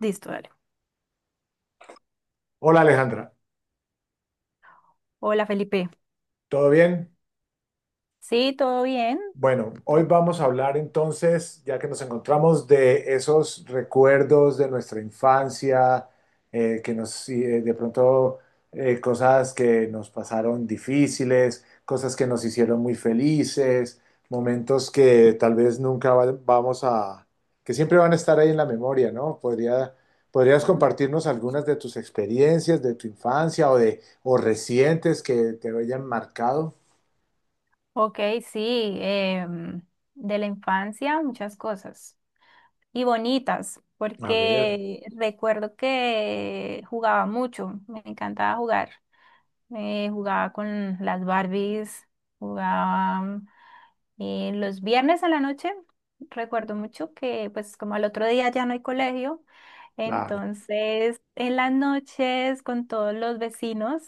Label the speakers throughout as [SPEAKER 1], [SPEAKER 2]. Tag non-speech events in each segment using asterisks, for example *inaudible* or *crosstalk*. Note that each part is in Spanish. [SPEAKER 1] Listo, dale.
[SPEAKER 2] Hola Alejandra,
[SPEAKER 1] Hola Felipe.
[SPEAKER 2] ¿todo bien?
[SPEAKER 1] Sí, todo bien.
[SPEAKER 2] Bueno, hoy
[SPEAKER 1] ¿Todo?
[SPEAKER 2] vamos a hablar entonces, ya que nos encontramos, de esos recuerdos de nuestra infancia, que nos, de pronto, cosas que nos pasaron difíciles, cosas que nos hicieron muy felices, momentos que tal vez nunca, que siempre van a estar ahí en la memoria, ¿no? Podrías
[SPEAKER 1] Ujú.
[SPEAKER 2] compartirnos algunas de tus experiencias de tu infancia o recientes que te hayan marcado.
[SPEAKER 1] Ok, sí, de la infancia muchas cosas y bonitas,
[SPEAKER 2] A ver,
[SPEAKER 1] porque recuerdo que jugaba mucho, me encantaba jugar. Jugaba con las Barbies, jugaba los viernes a la noche. Recuerdo mucho que pues como al otro día ya no hay colegio,
[SPEAKER 2] claro,
[SPEAKER 1] entonces en las noches con todos los vecinos.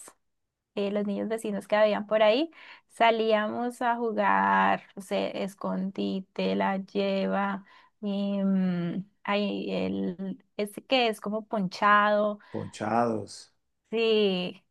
[SPEAKER 1] Los niños vecinos que habían por ahí, salíamos a jugar, o sea, escondite, la lleva, ahí el, ese que es como ponchado,
[SPEAKER 2] ponchados.
[SPEAKER 1] sí,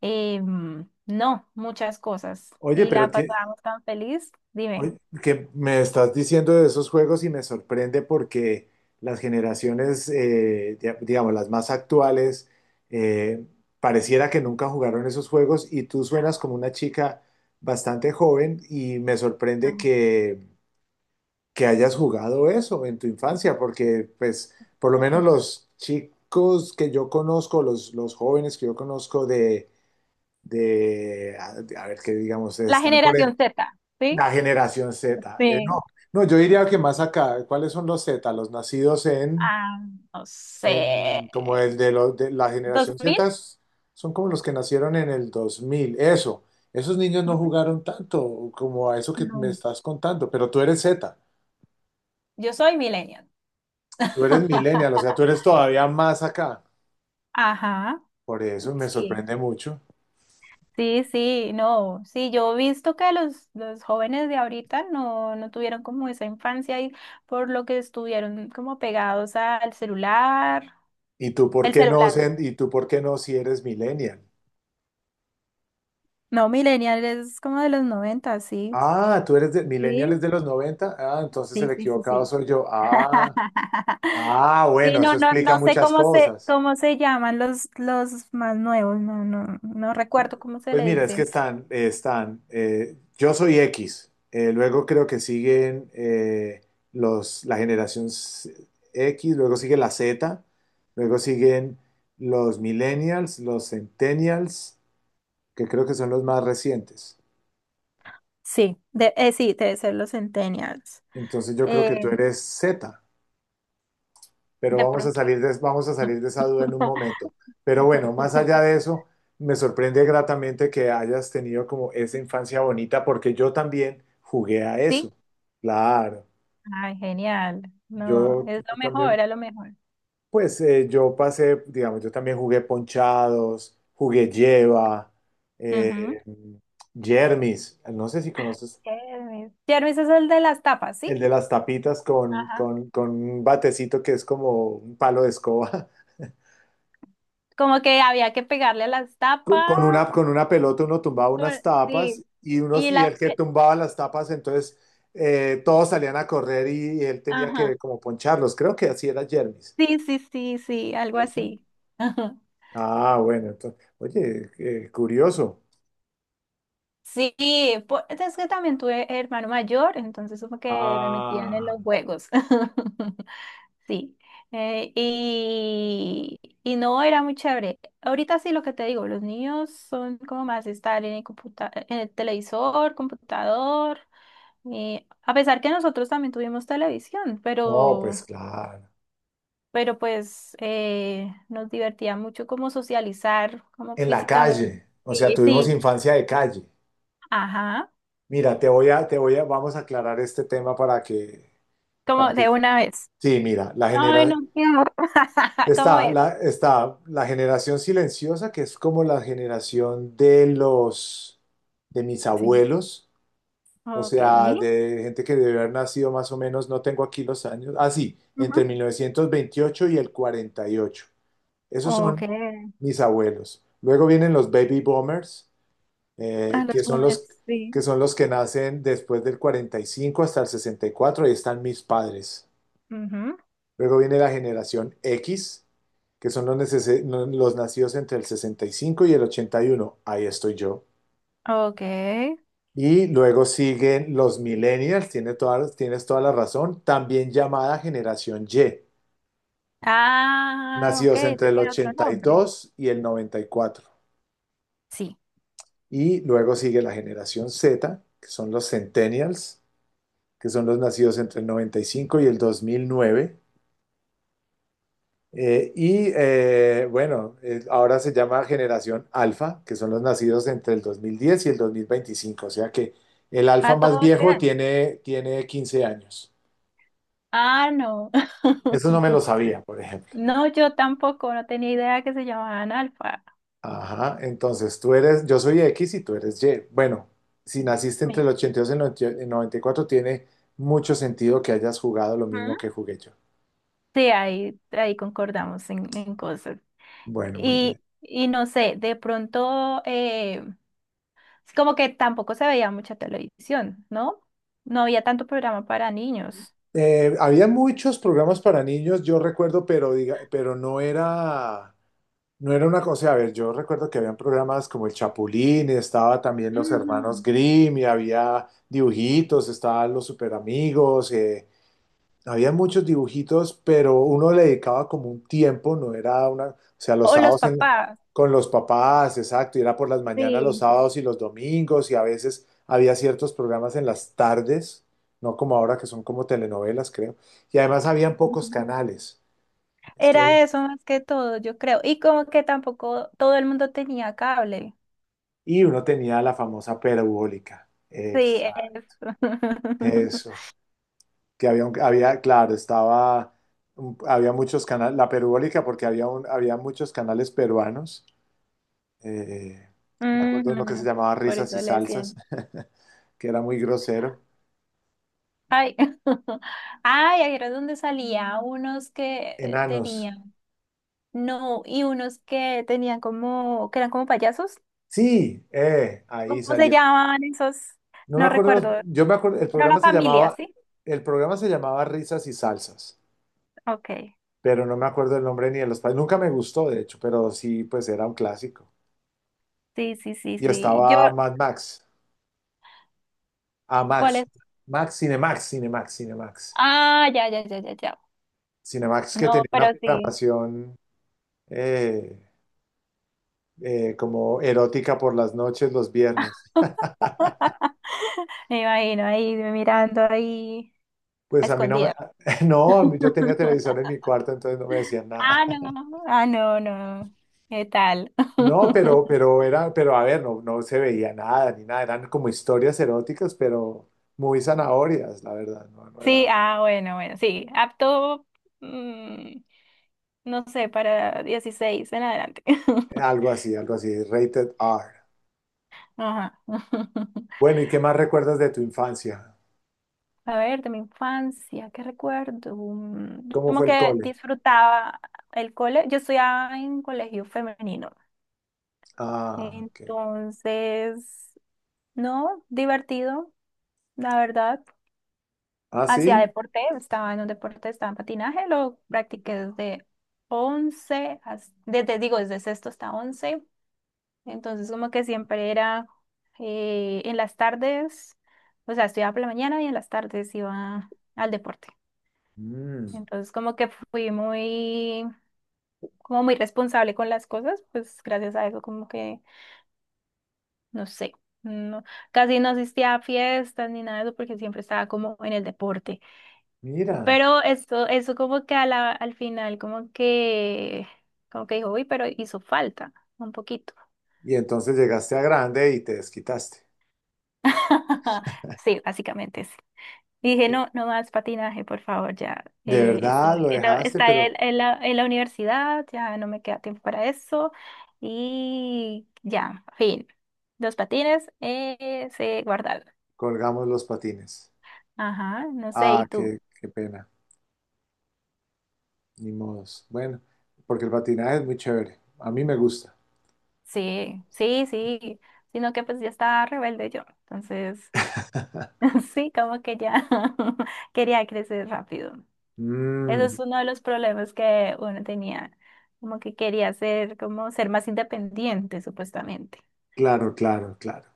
[SPEAKER 1] no, muchas cosas.
[SPEAKER 2] Oye,
[SPEAKER 1] Y la pasábamos tan feliz, dime.
[SPEAKER 2] oye, que me estás diciendo de esos juegos y me sorprende porque las generaciones, digamos, las más actuales, eh, pareciera que nunca jugaron esos juegos y tú suenas como una chica bastante joven y me sorprende
[SPEAKER 1] *laughs*
[SPEAKER 2] que hayas jugado eso en tu infancia, porque pues por lo menos
[SPEAKER 1] Ajá.
[SPEAKER 2] los chicos que yo conozco, los jóvenes que yo conozco de... de, a, a ver qué digamos,
[SPEAKER 1] La generación Z, ¿sí?
[SPEAKER 2] la generación Z.
[SPEAKER 1] Sí.
[SPEAKER 2] No, yo diría que más acá, ¿cuáles son los Z? Los nacidos
[SPEAKER 1] Ah, no
[SPEAKER 2] en como
[SPEAKER 1] sé.
[SPEAKER 2] los de la generación
[SPEAKER 1] ¿2000?
[SPEAKER 2] Z son como los que nacieron en el 2000 eso. Esos niños no
[SPEAKER 1] Ujú.
[SPEAKER 2] jugaron tanto como a eso que me
[SPEAKER 1] No.
[SPEAKER 2] estás contando, pero tú eres Z,
[SPEAKER 1] Yo soy millennial.
[SPEAKER 2] tú eres millennial, o sea, tú
[SPEAKER 1] *laughs*
[SPEAKER 2] eres todavía más acá.
[SPEAKER 1] Ajá,
[SPEAKER 2] Por eso me
[SPEAKER 1] sí.
[SPEAKER 2] sorprende mucho.
[SPEAKER 1] Sí, sí, no, sí, yo he visto que los jóvenes de ahorita no, no tuvieron como esa infancia y por lo que estuvieron como pegados al celular,
[SPEAKER 2] ¿Y tú por
[SPEAKER 1] el
[SPEAKER 2] qué no,
[SPEAKER 1] celular.
[SPEAKER 2] Zen? ¿Y tú por qué no si eres millennial?
[SPEAKER 1] No, millennial es como de los 90, sí.
[SPEAKER 2] Ah, tú eres de Millennial
[SPEAKER 1] Sí,
[SPEAKER 2] es de los 90. Ah, entonces
[SPEAKER 1] sí,
[SPEAKER 2] el
[SPEAKER 1] sí, sí,
[SPEAKER 2] equivocado
[SPEAKER 1] sí.
[SPEAKER 2] soy yo.
[SPEAKER 1] *laughs* Sí,
[SPEAKER 2] Bueno, eso
[SPEAKER 1] no, no,
[SPEAKER 2] explica
[SPEAKER 1] no sé
[SPEAKER 2] muchas cosas.
[SPEAKER 1] cómo se llaman los más nuevos, no, no, no
[SPEAKER 2] Bueno,
[SPEAKER 1] recuerdo cómo se
[SPEAKER 2] pues
[SPEAKER 1] le
[SPEAKER 2] mira, es que
[SPEAKER 1] dicen.
[SPEAKER 2] están, yo soy X, luego creo que siguen la X, luego sigue la Z, luego siguen los millennials, los centennials, que creo que son los más recientes.
[SPEAKER 1] Sí, de, sí, debe ser los centennials.
[SPEAKER 2] Entonces yo creo que tú
[SPEAKER 1] Eh,
[SPEAKER 2] eres Z. Pero
[SPEAKER 1] de pronto.
[SPEAKER 2] vamos a salir de esa duda en un momento. Pero bueno, más allá
[SPEAKER 1] *laughs*
[SPEAKER 2] de eso, me sorprende gratamente que hayas tenido como esa infancia bonita, porque yo también jugué a eso.
[SPEAKER 1] Sí.
[SPEAKER 2] Claro,
[SPEAKER 1] Ay, genial. No,
[SPEAKER 2] yo
[SPEAKER 1] es lo mejor,
[SPEAKER 2] también,
[SPEAKER 1] era lo mejor.
[SPEAKER 2] pues yo pasé, digamos, yo también jugué ponchados, jugué lleva,
[SPEAKER 1] Ujú.
[SPEAKER 2] eh, Jermis, no sé si conoces
[SPEAKER 1] Kermis. Kermis es el de las tapas, ¿sí?
[SPEAKER 2] el de las tapitas
[SPEAKER 1] Ajá.
[SPEAKER 2] con un batecito que es como un palo de escoba.
[SPEAKER 1] Como que había que pegarle a las tapas.
[SPEAKER 2] Con una pelota uno tumbaba unas tapas
[SPEAKER 1] Sí. Y
[SPEAKER 2] y
[SPEAKER 1] la...
[SPEAKER 2] el que tumbaba las tapas, entonces todos salían a correr y él tenía que
[SPEAKER 1] Ajá.
[SPEAKER 2] como poncharlos. Creo que así era Jermis,
[SPEAKER 1] Sí, sí, sí, sí, algo
[SPEAKER 2] ¿cierto?
[SPEAKER 1] así. Ajá.
[SPEAKER 2] Ah, bueno, entonces, oye, curioso.
[SPEAKER 1] Sí, es que también tuve hermano mayor, entonces como que me metían en
[SPEAKER 2] Ah,
[SPEAKER 1] los juegos. *laughs* Sí, y no era muy chévere. Ahorita sí lo que te digo, los niños son como más de estar en el en el televisor, computador, a pesar que nosotros también tuvimos televisión,
[SPEAKER 2] no, pues claro.
[SPEAKER 1] pero pues nos divertía mucho como socializar, como
[SPEAKER 2] En la
[SPEAKER 1] físicamente.
[SPEAKER 2] calle, o sea,
[SPEAKER 1] Sí,
[SPEAKER 2] tuvimos
[SPEAKER 1] sí,
[SPEAKER 2] infancia de calle.
[SPEAKER 1] ajá,
[SPEAKER 2] Mira, vamos a aclarar este tema para
[SPEAKER 1] como
[SPEAKER 2] que,
[SPEAKER 1] de una vez.
[SPEAKER 2] sí, mira,
[SPEAKER 1] Ay, no, qué horror. *laughs* ¿Cómo
[SPEAKER 2] está
[SPEAKER 1] es?
[SPEAKER 2] la, está la generación silenciosa, que es como la generación de los, de mis
[SPEAKER 1] Sí,
[SPEAKER 2] abuelos, o
[SPEAKER 1] ok.
[SPEAKER 2] sea, de gente que debe haber nacido más o menos, no tengo aquí los años, ah, sí, entre
[SPEAKER 1] Ujú.
[SPEAKER 2] 1928 y el 48. Esos
[SPEAKER 1] Ok.
[SPEAKER 2] son mis abuelos. Luego vienen los baby boomers,
[SPEAKER 1] A
[SPEAKER 2] eh, que
[SPEAKER 1] las
[SPEAKER 2] son los,
[SPEAKER 1] mujeres,
[SPEAKER 2] que
[SPEAKER 1] sí.
[SPEAKER 2] son los que nacen después del 45 hasta el sesenta y cuatro, ahí están mis padres.
[SPEAKER 1] Ujú,
[SPEAKER 2] Luego viene la generación X, que son los, los nacidos entre el sesenta y cinco y el 81. Ahí estoy yo.
[SPEAKER 1] ok.
[SPEAKER 2] Y luego siguen los millennials, tienes toda la razón, también llamada generación Y,
[SPEAKER 1] Ah, ok,
[SPEAKER 2] nacidos
[SPEAKER 1] eso
[SPEAKER 2] entre el
[SPEAKER 1] tiene otro
[SPEAKER 2] ochenta y
[SPEAKER 1] nombre.
[SPEAKER 2] dos y el noventa y cuatro.
[SPEAKER 1] Sí.
[SPEAKER 2] Y luego sigue la generación Z, que son los centennials, que son los nacidos entre el noventa y cinco y el 2009. Ahora se llama generación alfa, que son los nacidos entre el 2010 y el dos mil veinticinco, o sea que el alfa
[SPEAKER 1] Ah,
[SPEAKER 2] más
[SPEAKER 1] todo este
[SPEAKER 2] viejo
[SPEAKER 1] año.
[SPEAKER 2] tiene 15 años.
[SPEAKER 1] Ah, no.
[SPEAKER 2] Eso no
[SPEAKER 1] *laughs*
[SPEAKER 2] me lo sabía, por ejemplo.
[SPEAKER 1] No, yo tampoco, no tenía idea que se llamaban alfa.
[SPEAKER 2] Ajá, entonces tú eres, yo soy X y tú eres Y. Bueno, si naciste entre
[SPEAKER 1] Mira.
[SPEAKER 2] el ochenta y dos y el 94, tiene mucho sentido que hayas jugado lo mismo
[SPEAKER 1] Ujú.
[SPEAKER 2] que jugué yo.
[SPEAKER 1] Sí, ahí, ahí concordamos en cosas.
[SPEAKER 2] Bueno, muy bien.
[SPEAKER 1] Y no sé, de pronto, es como que tampoco se veía mucha televisión, ¿no? No había tanto programa para niños.
[SPEAKER 2] Había muchos programas para niños, yo recuerdo, pero, diga, pero no era... No era una cosa, a ver, yo recuerdo que habían programas como El Chapulín, estaba también Los
[SPEAKER 1] Ujú.
[SPEAKER 2] Hermanos Grimm, y había dibujitos, estaban Los Superamigos, había muchos dibujitos, pero uno le dedicaba como un tiempo, no era una, o sea, los
[SPEAKER 1] O los
[SPEAKER 2] sábados en la-
[SPEAKER 1] papás.
[SPEAKER 2] con los papás, exacto, y era por las mañanas los
[SPEAKER 1] Sí.
[SPEAKER 2] sábados y los domingos, y a veces había ciertos programas en las tardes, no como ahora que son como telenovelas, creo, y además habían pocos
[SPEAKER 1] *laughs*
[SPEAKER 2] canales. Es que
[SPEAKER 1] Era eso más que todo, yo creo. Y como que tampoco todo el mundo tenía cable.
[SPEAKER 2] y uno tenía la famosa perubólica.
[SPEAKER 1] Sí,
[SPEAKER 2] Exacto.
[SPEAKER 1] eso.
[SPEAKER 2] Eso.
[SPEAKER 1] *laughs*
[SPEAKER 2] Que había, había, claro, estaba, había muchos canales, la perubólica porque había, había muchos canales peruanos. Eh, Me acuerdo uno que se
[SPEAKER 1] Ujú,
[SPEAKER 2] llamaba
[SPEAKER 1] por
[SPEAKER 2] Risas y
[SPEAKER 1] eso le
[SPEAKER 2] Salsas,
[SPEAKER 1] decían.
[SPEAKER 2] *laughs* que era muy grosero.
[SPEAKER 1] Ay, *laughs* ay, ahí era donde salía unos que
[SPEAKER 2] Enanos.
[SPEAKER 1] tenían, no, y unos que tenían como, que eran como payasos.
[SPEAKER 2] Sí, ahí
[SPEAKER 1] ¿Cómo se
[SPEAKER 2] salía.
[SPEAKER 1] llamaban esos?
[SPEAKER 2] No me
[SPEAKER 1] No
[SPEAKER 2] acuerdo,
[SPEAKER 1] recuerdo.
[SPEAKER 2] yo me acuerdo,
[SPEAKER 1] Era una familia, ¿sí?
[SPEAKER 2] el programa se llamaba Risas y Salsas,
[SPEAKER 1] Ok.
[SPEAKER 2] pero no me acuerdo el nombre ni de los países. Nunca me gustó, de hecho, pero sí, pues era un clásico.
[SPEAKER 1] Sí, sí, sí,
[SPEAKER 2] Y
[SPEAKER 1] sí. Yo,
[SPEAKER 2] estaba Mad Max. Ah,
[SPEAKER 1] ¿cuál
[SPEAKER 2] Max.
[SPEAKER 1] es?
[SPEAKER 2] Max, Cinemax.
[SPEAKER 1] Ah, ya, ya, ya, ya, ya.
[SPEAKER 2] Cinemax que
[SPEAKER 1] No,
[SPEAKER 2] tenía
[SPEAKER 1] pero
[SPEAKER 2] una
[SPEAKER 1] sí.
[SPEAKER 2] programación eh, como erótica por las noches, los viernes.
[SPEAKER 1] *laughs* *laughs* Me imagino ahí mirando ahí a
[SPEAKER 2] Pues a mí no me...
[SPEAKER 1] escondidas.
[SPEAKER 2] *laughs* No, a mí- yo tenía televisor en mi cuarto, entonces no me decían nada.
[SPEAKER 1] Ah, no,
[SPEAKER 2] *laughs*
[SPEAKER 1] ah, no, no. ¿Qué tal?
[SPEAKER 2] No,
[SPEAKER 1] *laughs*
[SPEAKER 2] pero era, pero a ver, no, no se veía nada ni nada. Eran como historias eróticas, pero muy zanahorias, la verdad. No, no
[SPEAKER 1] Sí,
[SPEAKER 2] era
[SPEAKER 1] ah, bueno, bueno, sí, apto, mm, no sé, para 16 en adelante. *laughs*
[SPEAKER 2] algo así, rated R.
[SPEAKER 1] Ajá. *laughs*
[SPEAKER 2] Bueno, ¿y qué más recuerdas de tu infancia?
[SPEAKER 1] A ver, de mi infancia, ¿qué recuerdo?
[SPEAKER 2] ¿Cómo
[SPEAKER 1] Como
[SPEAKER 2] fue el
[SPEAKER 1] que
[SPEAKER 2] cole?
[SPEAKER 1] disfrutaba el cole. Yo estudiaba en colegio femenino,
[SPEAKER 2] Ah, ok.
[SPEAKER 1] entonces, no, divertido, la verdad.
[SPEAKER 2] Ah,
[SPEAKER 1] Hacía
[SPEAKER 2] sí.
[SPEAKER 1] deporte, estaba en un deporte, estaba en patinaje, lo practiqué desde desde, digo, desde sexto hasta once, entonces como que siempre era en las tardes, o sea, estudiaba por la mañana y en las tardes iba al deporte,
[SPEAKER 2] Mm,
[SPEAKER 1] entonces como que fui muy, como muy responsable con las cosas, pues gracias a eso como que, no sé, no, casi no asistía a fiestas ni nada de eso porque siempre estaba como en el deporte.
[SPEAKER 2] mira.
[SPEAKER 1] Pero eso como que a al final, como que dijo, uy, pero hizo falta un poquito.
[SPEAKER 2] Y entonces llegaste a grande y te desquitaste.
[SPEAKER 1] *laughs* Sí, básicamente sí. Dije,
[SPEAKER 2] Eh,
[SPEAKER 1] no, no más patinaje, por favor, ya.
[SPEAKER 2] De verdad
[SPEAKER 1] Estoy,
[SPEAKER 2] lo
[SPEAKER 1] en
[SPEAKER 2] dejaste,
[SPEAKER 1] está
[SPEAKER 2] pero
[SPEAKER 1] en la universidad, ya no me queda tiempo para eso. Y ya, fin. Los patines se guardaron.
[SPEAKER 2] colgamos los patines.
[SPEAKER 1] Ajá, no sé,
[SPEAKER 2] Ah,
[SPEAKER 1] ¿y tú?
[SPEAKER 2] qué, qué pena. Ni modos. Bueno, porque el patinaje es muy chévere. A mí me gusta.
[SPEAKER 1] Sí, sí, sí. Sino que pues ya estaba rebelde yo. Entonces... *laughs* Sí, como que ya *laughs* quería crecer rápido. Eso
[SPEAKER 2] Mm,
[SPEAKER 1] es uno de los problemas que uno tenía, como que quería ser, como ser más independiente, supuestamente.
[SPEAKER 2] claro, claro, claro.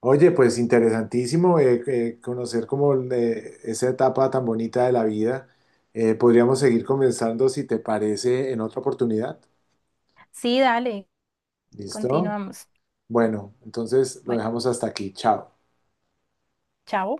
[SPEAKER 2] Oye, pues interesantísimo conocer como esa etapa tan bonita de la vida. Podríamos seguir conversando si te parece en otra oportunidad.
[SPEAKER 1] Sí, dale,
[SPEAKER 2] ¿Listo?
[SPEAKER 1] continuamos.
[SPEAKER 2] Bueno, entonces lo
[SPEAKER 1] Bueno,
[SPEAKER 2] dejamos hasta aquí. Chao.
[SPEAKER 1] chao.